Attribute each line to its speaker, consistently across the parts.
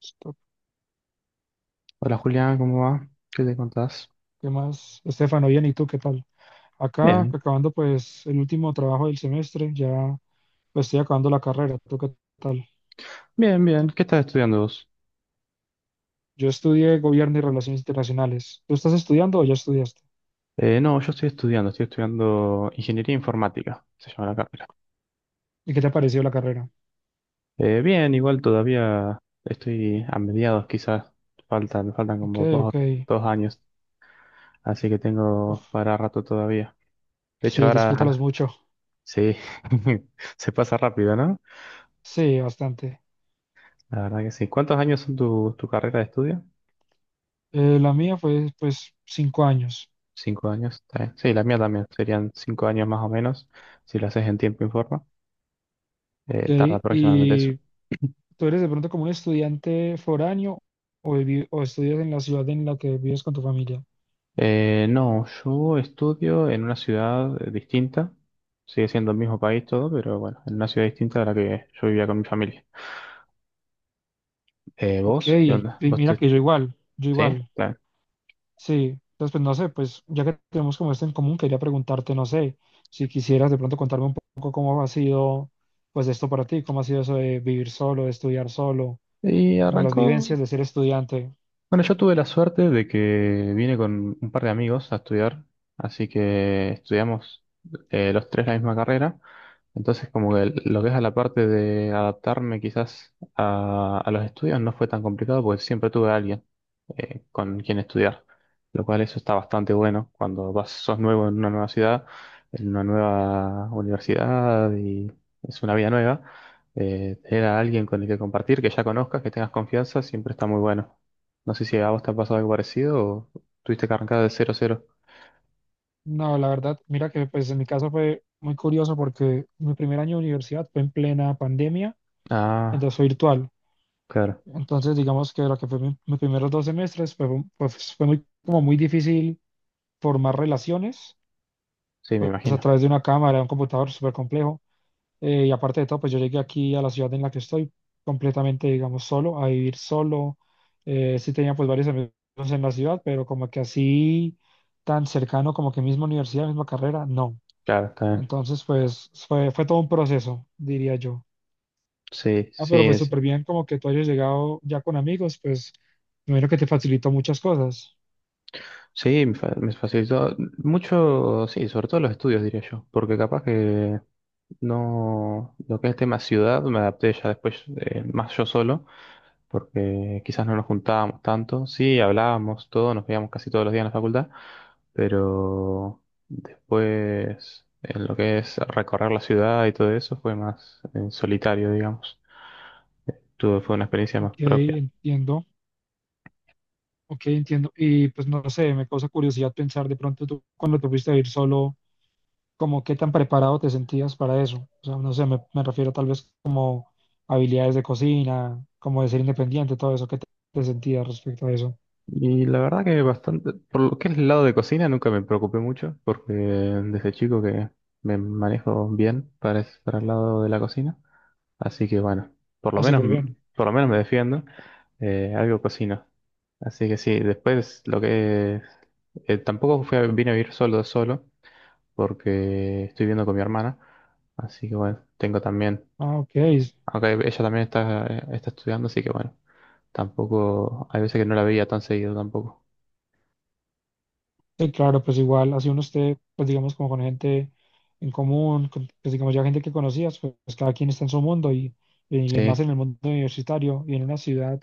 Speaker 1: Listo.
Speaker 2: Hola Julián, ¿cómo va? ¿Qué te contás?
Speaker 1: ¿Qué más? Estefano, bien, ¿y tú qué tal? Acá,
Speaker 2: Bien,
Speaker 1: acabando pues el último trabajo del semestre, ya pues estoy acabando la carrera. ¿Tú qué tal?
Speaker 2: bien, bien. ¿Qué estás estudiando vos?
Speaker 1: Yo estudié Gobierno y Relaciones Internacionales. ¿Tú estás estudiando o ya estudiaste?
Speaker 2: No, yo estoy estudiando Ingeniería Informática, se llama la carrera.
Speaker 1: ¿Y qué te ha parecido la carrera?
Speaker 2: Bien, igual todavía estoy a mediados, quizás me faltan
Speaker 1: Ok,
Speaker 2: como dos,
Speaker 1: ok.
Speaker 2: dos años, así que tengo
Speaker 1: Uf,
Speaker 2: para rato todavía. De hecho,
Speaker 1: sí, disfrútalos
Speaker 2: ahora
Speaker 1: mucho.
Speaker 2: sí, se pasa rápido, ¿no?
Speaker 1: Sí, bastante.
Speaker 2: La verdad que sí. ¿Cuántos años son tu carrera de estudio?
Speaker 1: La mía fue pues 5 años.
Speaker 2: 5 años, está bien. Sí, la mía también, serían 5 años más o menos, si lo haces en tiempo y forma.
Speaker 1: Ok,
Speaker 2: Tarda aproximadamente eso.
Speaker 1: ¿y tú eres de pronto como un estudiante foráneo o, o estudias en la ciudad en la que vives con tu familia?
Speaker 2: No, yo estudio en una ciudad distinta. Sigue siendo el mismo país todo, pero bueno, en una ciudad distinta a la que yo vivía con mi familia. Eh,
Speaker 1: Ok,
Speaker 2: ¿vos? ¿Qué
Speaker 1: y
Speaker 2: onda? ¿Vos te...
Speaker 1: mira que yo igual, yo
Speaker 2: Sí,
Speaker 1: igual,
Speaker 2: claro.
Speaker 1: sí. Entonces, pues no sé, pues ya que tenemos como esto en común, quería preguntarte, no sé, si quisieras de pronto contarme un poco cómo ha sido, pues esto para ti, cómo ha sido eso de vivir solo, de estudiar solo,
Speaker 2: Y
Speaker 1: como las vivencias
Speaker 2: arrancó.
Speaker 1: de ser estudiante.
Speaker 2: Bueno, yo tuve la suerte de que vine con un par de amigos a estudiar, así que estudiamos los tres la misma carrera. Entonces, como que lo que es a la parte de adaptarme quizás a los estudios no fue tan complicado porque siempre tuve a alguien con quien estudiar, lo cual eso está bastante bueno cuando vas, sos nuevo en una nueva ciudad, en una nueva universidad y es una vida nueva. Tener a alguien con el que compartir, que ya conozcas, que tengas confianza, siempre está muy bueno. No sé si a vos te ha pasado algo parecido o tuviste que arrancar de cero cero.
Speaker 1: No, la verdad, mira que pues en mi caso fue muy curioso porque mi primer año de universidad fue en plena pandemia, entonces
Speaker 2: Ah,
Speaker 1: fue virtual.
Speaker 2: claro.
Speaker 1: Entonces, digamos que lo que mis primeros 2 semestres, pues fue muy, como muy difícil formar relaciones
Speaker 2: Sí, me
Speaker 1: pues a
Speaker 2: imagino.
Speaker 1: través de una cámara, de un computador súper complejo. Y aparte de todo, pues yo llegué aquí a la ciudad en la que estoy completamente, digamos, solo, a vivir solo. Sí tenía pues varios amigos en la ciudad, pero como que así tan cercano, como que misma universidad, misma carrera, no.
Speaker 2: Claro, está bien.
Speaker 1: Entonces pues fue todo un proceso, diría yo.
Speaker 2: Sí,
Speaker 1: Ah,
Speaker 2: sí,
Speaker 1: pero pues súper bien como que tú hayas llegado ya con amigos, pues primero que te facilitó muchas cosas.
Speaker 2: sí, me facilitó mucho, sí, sobre todo los estudios, diría yo, porque capaz que no, lo que es tema ciudad, me adapté ya después más yo solo. Porque quizás no nos juntábamos tanto. Sí, hablábamos todo, nos veíamos casi todos los días en la facultad, pero después, en lo que es recorrer la ciudad y todo eso, fue más en solitario, digamos. Fue una experiencia más
Speaker 1: Ok,
Speaker 2: propia.
Speaker 1: entiendo. Ok, entiendo. Y pues no sé, me causa curiosidad pensar de pronto tú cuando te fuiste a ir solo, como qué tan preparado te sentías para eso. O sea, no sé, me refiero tal vez como habilidades de cocina, como de ser independiente, todo eso, ¿qué te sentías respecto a eso?
Speaker 2: Y la verdad que bastante, por lo que es el lado de cocina, nunca me preocupé mucho, porque desde chico que me manejo bien para el lado de la cocina. Así que bueno, por lo
Speaker 1: Ah,
Speaker 2: menos,
Speaker 1: súper bien.
Speaker 2: por lo menos me defiendo. Algo cocino. Así que sí, después lo que tampoco vine a vivir solo solo porque estoy viviendo con mi hermana. Así que bueno, tengo también,
Speaker 1: Ah, ok.
Speaker 2: aunque ella también está estudiando, así que bueno, tampoco, hay veces que no la veía tan seguido tampoco.
Speaker 1: Sí, claro, pues igual, así uno esté, pues digamos, como con gente en común, pues digamos ya gente que conocías, pues cada quien está en su mundo y
Speaker 2: Sí,
Speaker 1: más en el mundo universitario y en una ciudad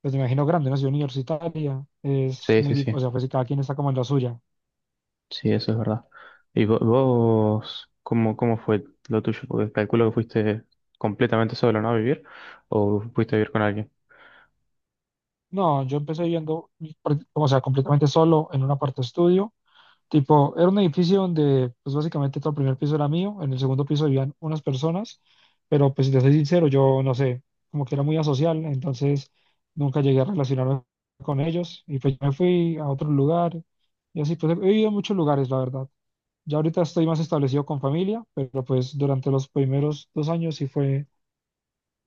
Speaker 1: pues me imagino grande, una ciudad universitaria, es
Speaker 2: sí,
Speaker 1: muy
Speaker 2: sí,
Speaker 1: difícil,
Speaker 2: sí.
Speaker 1: o sea, pues si cada quien está como en la suya.
Speaker 2: Sí, eso es verdad. ¿Y vos, cómo fue lo tuyo? Porque calculo que fuiste completamente solo, ¿no? A vivir. ¿O fuiste a vivir con alguien?
Speaker 1: No, yo empecé viviendo, o sea, completamente solo en un aparto estudio, tipo, era un edificio donde, pues básicamente todo el primer piso era mío, en el segundo piso vivían unas personas, pero pues si te soy sincero, yo no sé, como que era muy asocial, entonces nunca llegué a relacionarme con ellos, y pues me fui a otro lugar, y así, pues he vivido en muchos lugares, la verdad. Ya ahorita estoy más establecido con familia, pero pues durante los primeros 2 años sí fue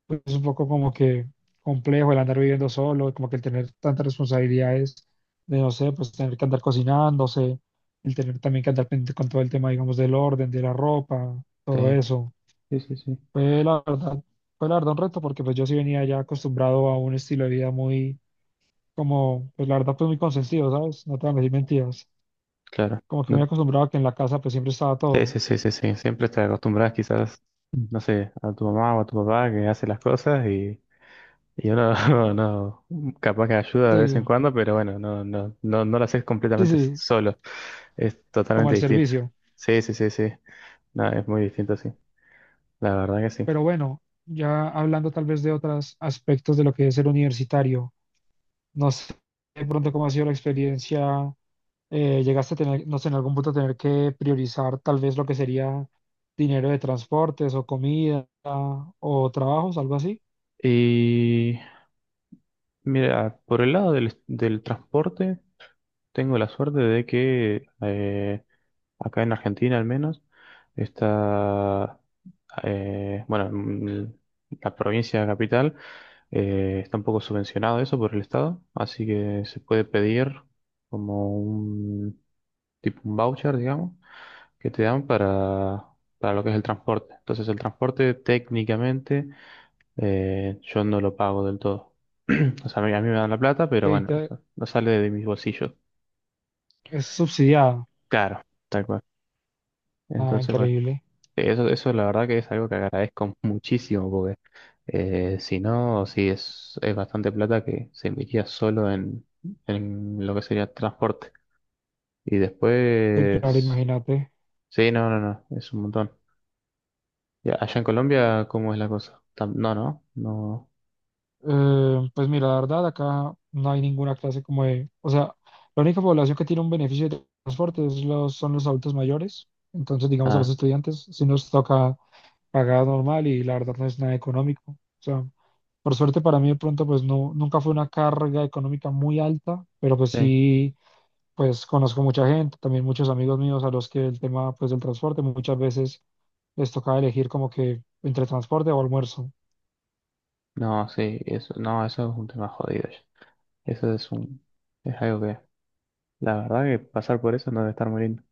Speaker 1: pues, es un poco como que complejo el andar viviendo solo, como que el tener tantas responsabilidades de, no sé, pues tener que andar cocinándose, el tener también que andar pendiente con todo el tema, digamos, del orden, de la ropa, todo
Speaker 2: Sí,
Speaker 1: eso.
Speaker 2: sí, sí, sí.
Speaker 1: Fue la verdad, fue la verdad un reto porque pues yo sí venía ya acostumbrado a un estilo de vida muy, como, pues la verdad, pues muy consentido, ¿sabes? No te van a decir mentiras.
Speaker 2: Claro.
Speaker 1: Como que muy
Speaker 2: No-
Speaker 1: acostumbrado a que en la casa pues siempre estaba
Speaker 2: Sí,
Speaker 1: todo.
Speaker 2: sí, sí, sí, sí. Siempre te acostumbras quizás, no sé, a tu mamá o a tu papá que hace las cosas y uno no, capaz que ayuda de vez
Speaker 1: Sí,
Speaker 2: en cuando, pero bueno, no, no, no, no lo haces
Speaker 1: sí,
Speaker 2: completamente
Speaker 1: sí,
Speaker 2: solo. Es
Speaker 1: como
Speaker 2: totalmente
Speaker 1: al
Speaker 2: distinto.
Speaker 1: servicio.
Speaker 2: Sí, sí, sí, sí. No, es muy distinto, sí. La verdad que
Speaker 1: Pero bueno, ya hablando tal vez de otros aspectos de lo que es ser universitario, no sé de pronto cómo ha sido la experiencia, llegaste a tener, no sé, en algún punto tener que priorizar tal vez lo que sería dinero de transportes o comida o trabajos, algo así,
Speaker 2: sí. Mira, por el lado del transporte, tengo la suerte de que acá en Argentina al menos está, bueno, la provincia capital está un poco subvencionado eso por el Estado, así que se puede pedir como un tipo un voucher, digamos, que te dan para lo que es el transporte. Entonces el transporte técnicamente yo no lo pago del todo. O sea, a mí me dan la plata, pero
Speaker 1: que
Speaker 2: bueno, o
Speaker 1: ahorita
Speaker 2: sea, no sale de mis bolsillos.
Speaker 1: es subsidiado.
Speaker 2: Claro, tal cual.
Speaker 1: Ah,
Speaker 2: Entonces, bueno,
Speaker 1: increíble.
Speaker 2: eso la verdad que es algo que agradezco muchísimo, porque si no, sí es bastante plata que se invertía solo en, lo que sería transporte. Y
Speaker 1: Sí, claro,
Speaker 2: después,
Speaker 1: imagínate.
Speaker 2: sí, no, no, no, es un montón. Y allá en Colombia, ¿cómo es la cosa? No, no, no.
Speaker 1: Pues mira, la verdad, acá no hay ninguna clase como de, o sea, la única población que tiene un beneficio de transporte es los, son los adultos mayores, entonces digamos a
Speaker 2: Ah,
Speaker 1: los estudiantes, si nos toca pagar normal y la verdad no es nada económico. O sea, por suerte para mí de pronto pues no, nunca fue una carga económica muy alta, pero pues
Speaker 2: sí,
Speaker 1: sí, pues conozco mucha gente, también muchos amigos míos a los que el tema pues del transporte muchas veces les tocaba elegir como que entre transporte o almuerzo.
Speaker 2: no, sí, eso, no, eso es un tema jodido. Eso es algo que, la verdad que pasar por eso no debe estar muy lindo.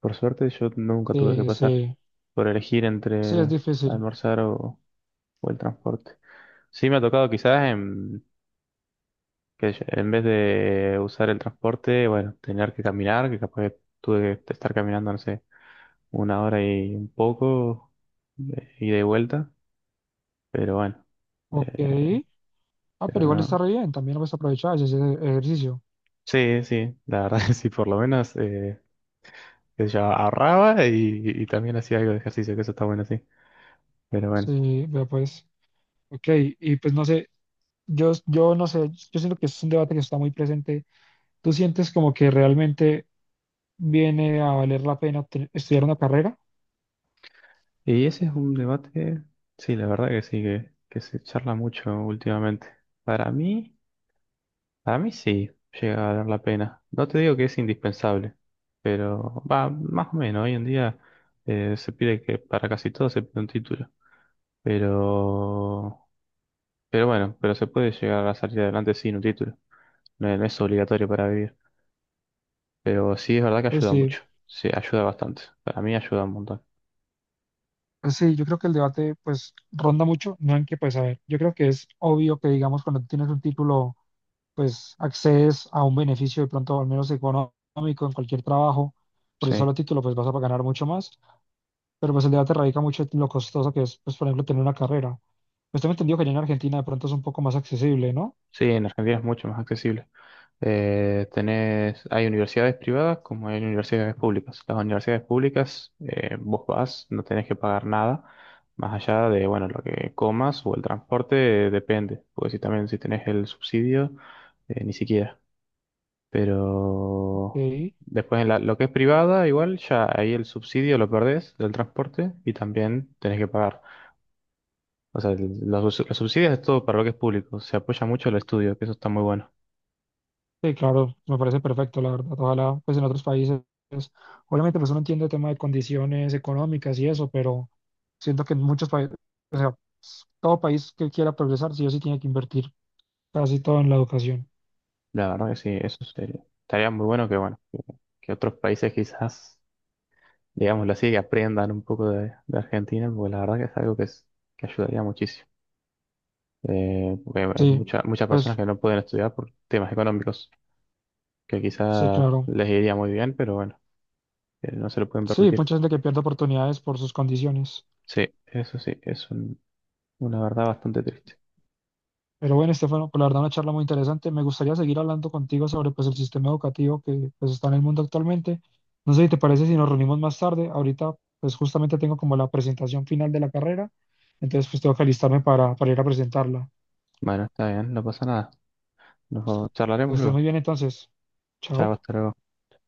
Speaker 2: Por suerte yo nunca tuve que
Speaker 1: Eh,
Speaker 2: pasar
Speaker 1: se-
Speaker 2: por elegir
Speaker 1: sí es
Speaker 2: entre
Speaker 1: difícil.
Speaker 2: almorzar o el transporte. Sí me ha tocado quizás en vez de usar el transporte, bueno, tener que caminar, que capaz que tuve que estar caminando, no sé, una hora y un poco, ida y vuelta, pero bueno,
Speaker 1: Ok.
Speaker 2: eh,
Speaker 1: Ah,
Speaker 2: pero
Speaker 1: pero igual está
Speaker 2: no.
Speaker 1: re bien, también lo puedes aprovechar, ese ejercicio.
Speaker 2: Sí, sí, la verdad que sí, por lo menos. Que yo ahorraba y también hacía algo de ejercicio, que eso está bueno, sí. Pero bueno,
Speaker 1: Sí, vea pues. Ok, y pues no sé, yo siento que es un debate que está muy presente. ¿Tú sientes como que realmente viene a valer la pena estudiar una carrera?
Speaker 2: y ese es un debate, sí, la verdad que sí, que se charla mucho últimamente. Para mí, para mí sí, llega a valer la pena. No te digo que es indispensable, pero va, más o menos, hoy en día se pide que para casi todo se pide un título. Pero, pero bueno, pero se puede llegar a salir adelante sin un título. No, es no es obligatorio para vivir, pero sí es verdad que
Speaker 1: Pues
Speaker 2: ayuda
Speaker 1: sí,
Speaker 2: mucho. Sí, ayuda bastante. Para mí ayuda un montón.
Speaker 1: pues sí, yo creo que el debate pues ronda mucho, no en que pues a ver, yo creo que es obvio que digamos cuando tienes un título pues accedes a un beneficio de pronto al menos económico en cualquier trabajo, por el
Speaker 2: Sí,
Speaker 1: solo título pues vas a ganar mucho más. Pero pues el debate radica mucho en lo costoso que es, pues por ejemplo, tener una carrera. Pues tengo entendido que allá en Argentina de pronto es un poco más accesible, ¿no?
Speaker 2: sí, en Argentina es mucho más accesible. Tenés, hay universidades privadas como hay universidades públicas. Las universidades públicas, vos vas, no tenés que pagar nada, más allá de, bueno, lo que comas o el transporte, depende, porque si también si tenés el subsidio, ni siquiera. Pero
Speaker 1: Sí,
Speaker 2: después en la- lo que es privada, igual ya ahí el subsidio lo perdés del transporte y también tenés que pagar. O sea, los subsidios es todo para lo que es público. Se apoya mucho el estudio, que eso está muy bueno.
Speaker 1: sí, claro, me parece perfecto, la verdad. Ojalá, pues en otros países, pues, obviamente pues uno entiende el tema de condiciones económicas y eso, pero siento que en muchos países, o sea, pues, todo país que quiera progresar, sí o sí tiene que invertir casi todo en la educación.
Speaker 2: La verdad que sí, eso sería. Estaría muy bueno que, bueno, que otros países quizás, digámoslo así, que aprendan un poco de Argentina, porque la verdad que es algo que, que ayudaría muchísimo. Porque hay
Speaker 1: Sí,
Speaker 2: muchas personas
Speaker 1: pues
Speaker 2: que no pueden estudiar por temas económicos, que
Speaker 1: sí,
Speaker 2: quizás
Speaker 1: claro.
Speaker 2: les iría muy bien, pero bueno, no se lo pueden
Speaker 1: Sí,
Speaker 2: permitir.
Speaker 1: mucha gente que pierde oportunidades por sus condiciones.
Speaker 2: Sí, eso sí, es una verdad bastante triste.
Speaker 1: Pero bueno, Estefano, pues la verdad una charla muy interesante. Me gustaría seguir hablando contigo sobre pues el sistema educativo que pues está en el mundo actualmente. No sé si te parece si nos reunimos más tarde. Ahorita pues justamente tengo como la presentación final de la carrera, entonces pues tengo que alistarme para ir a presentarla.
Speaker 2: Bueno, está bien, no pasa nada. Nos
Speaker 1: Que
Speaker 2: charlaremos
Speaker 1: estés muy
Speaker 2: luego.
Speaker 1: bien entonces. Chao.
Speaker 2: Chao, hasta luego.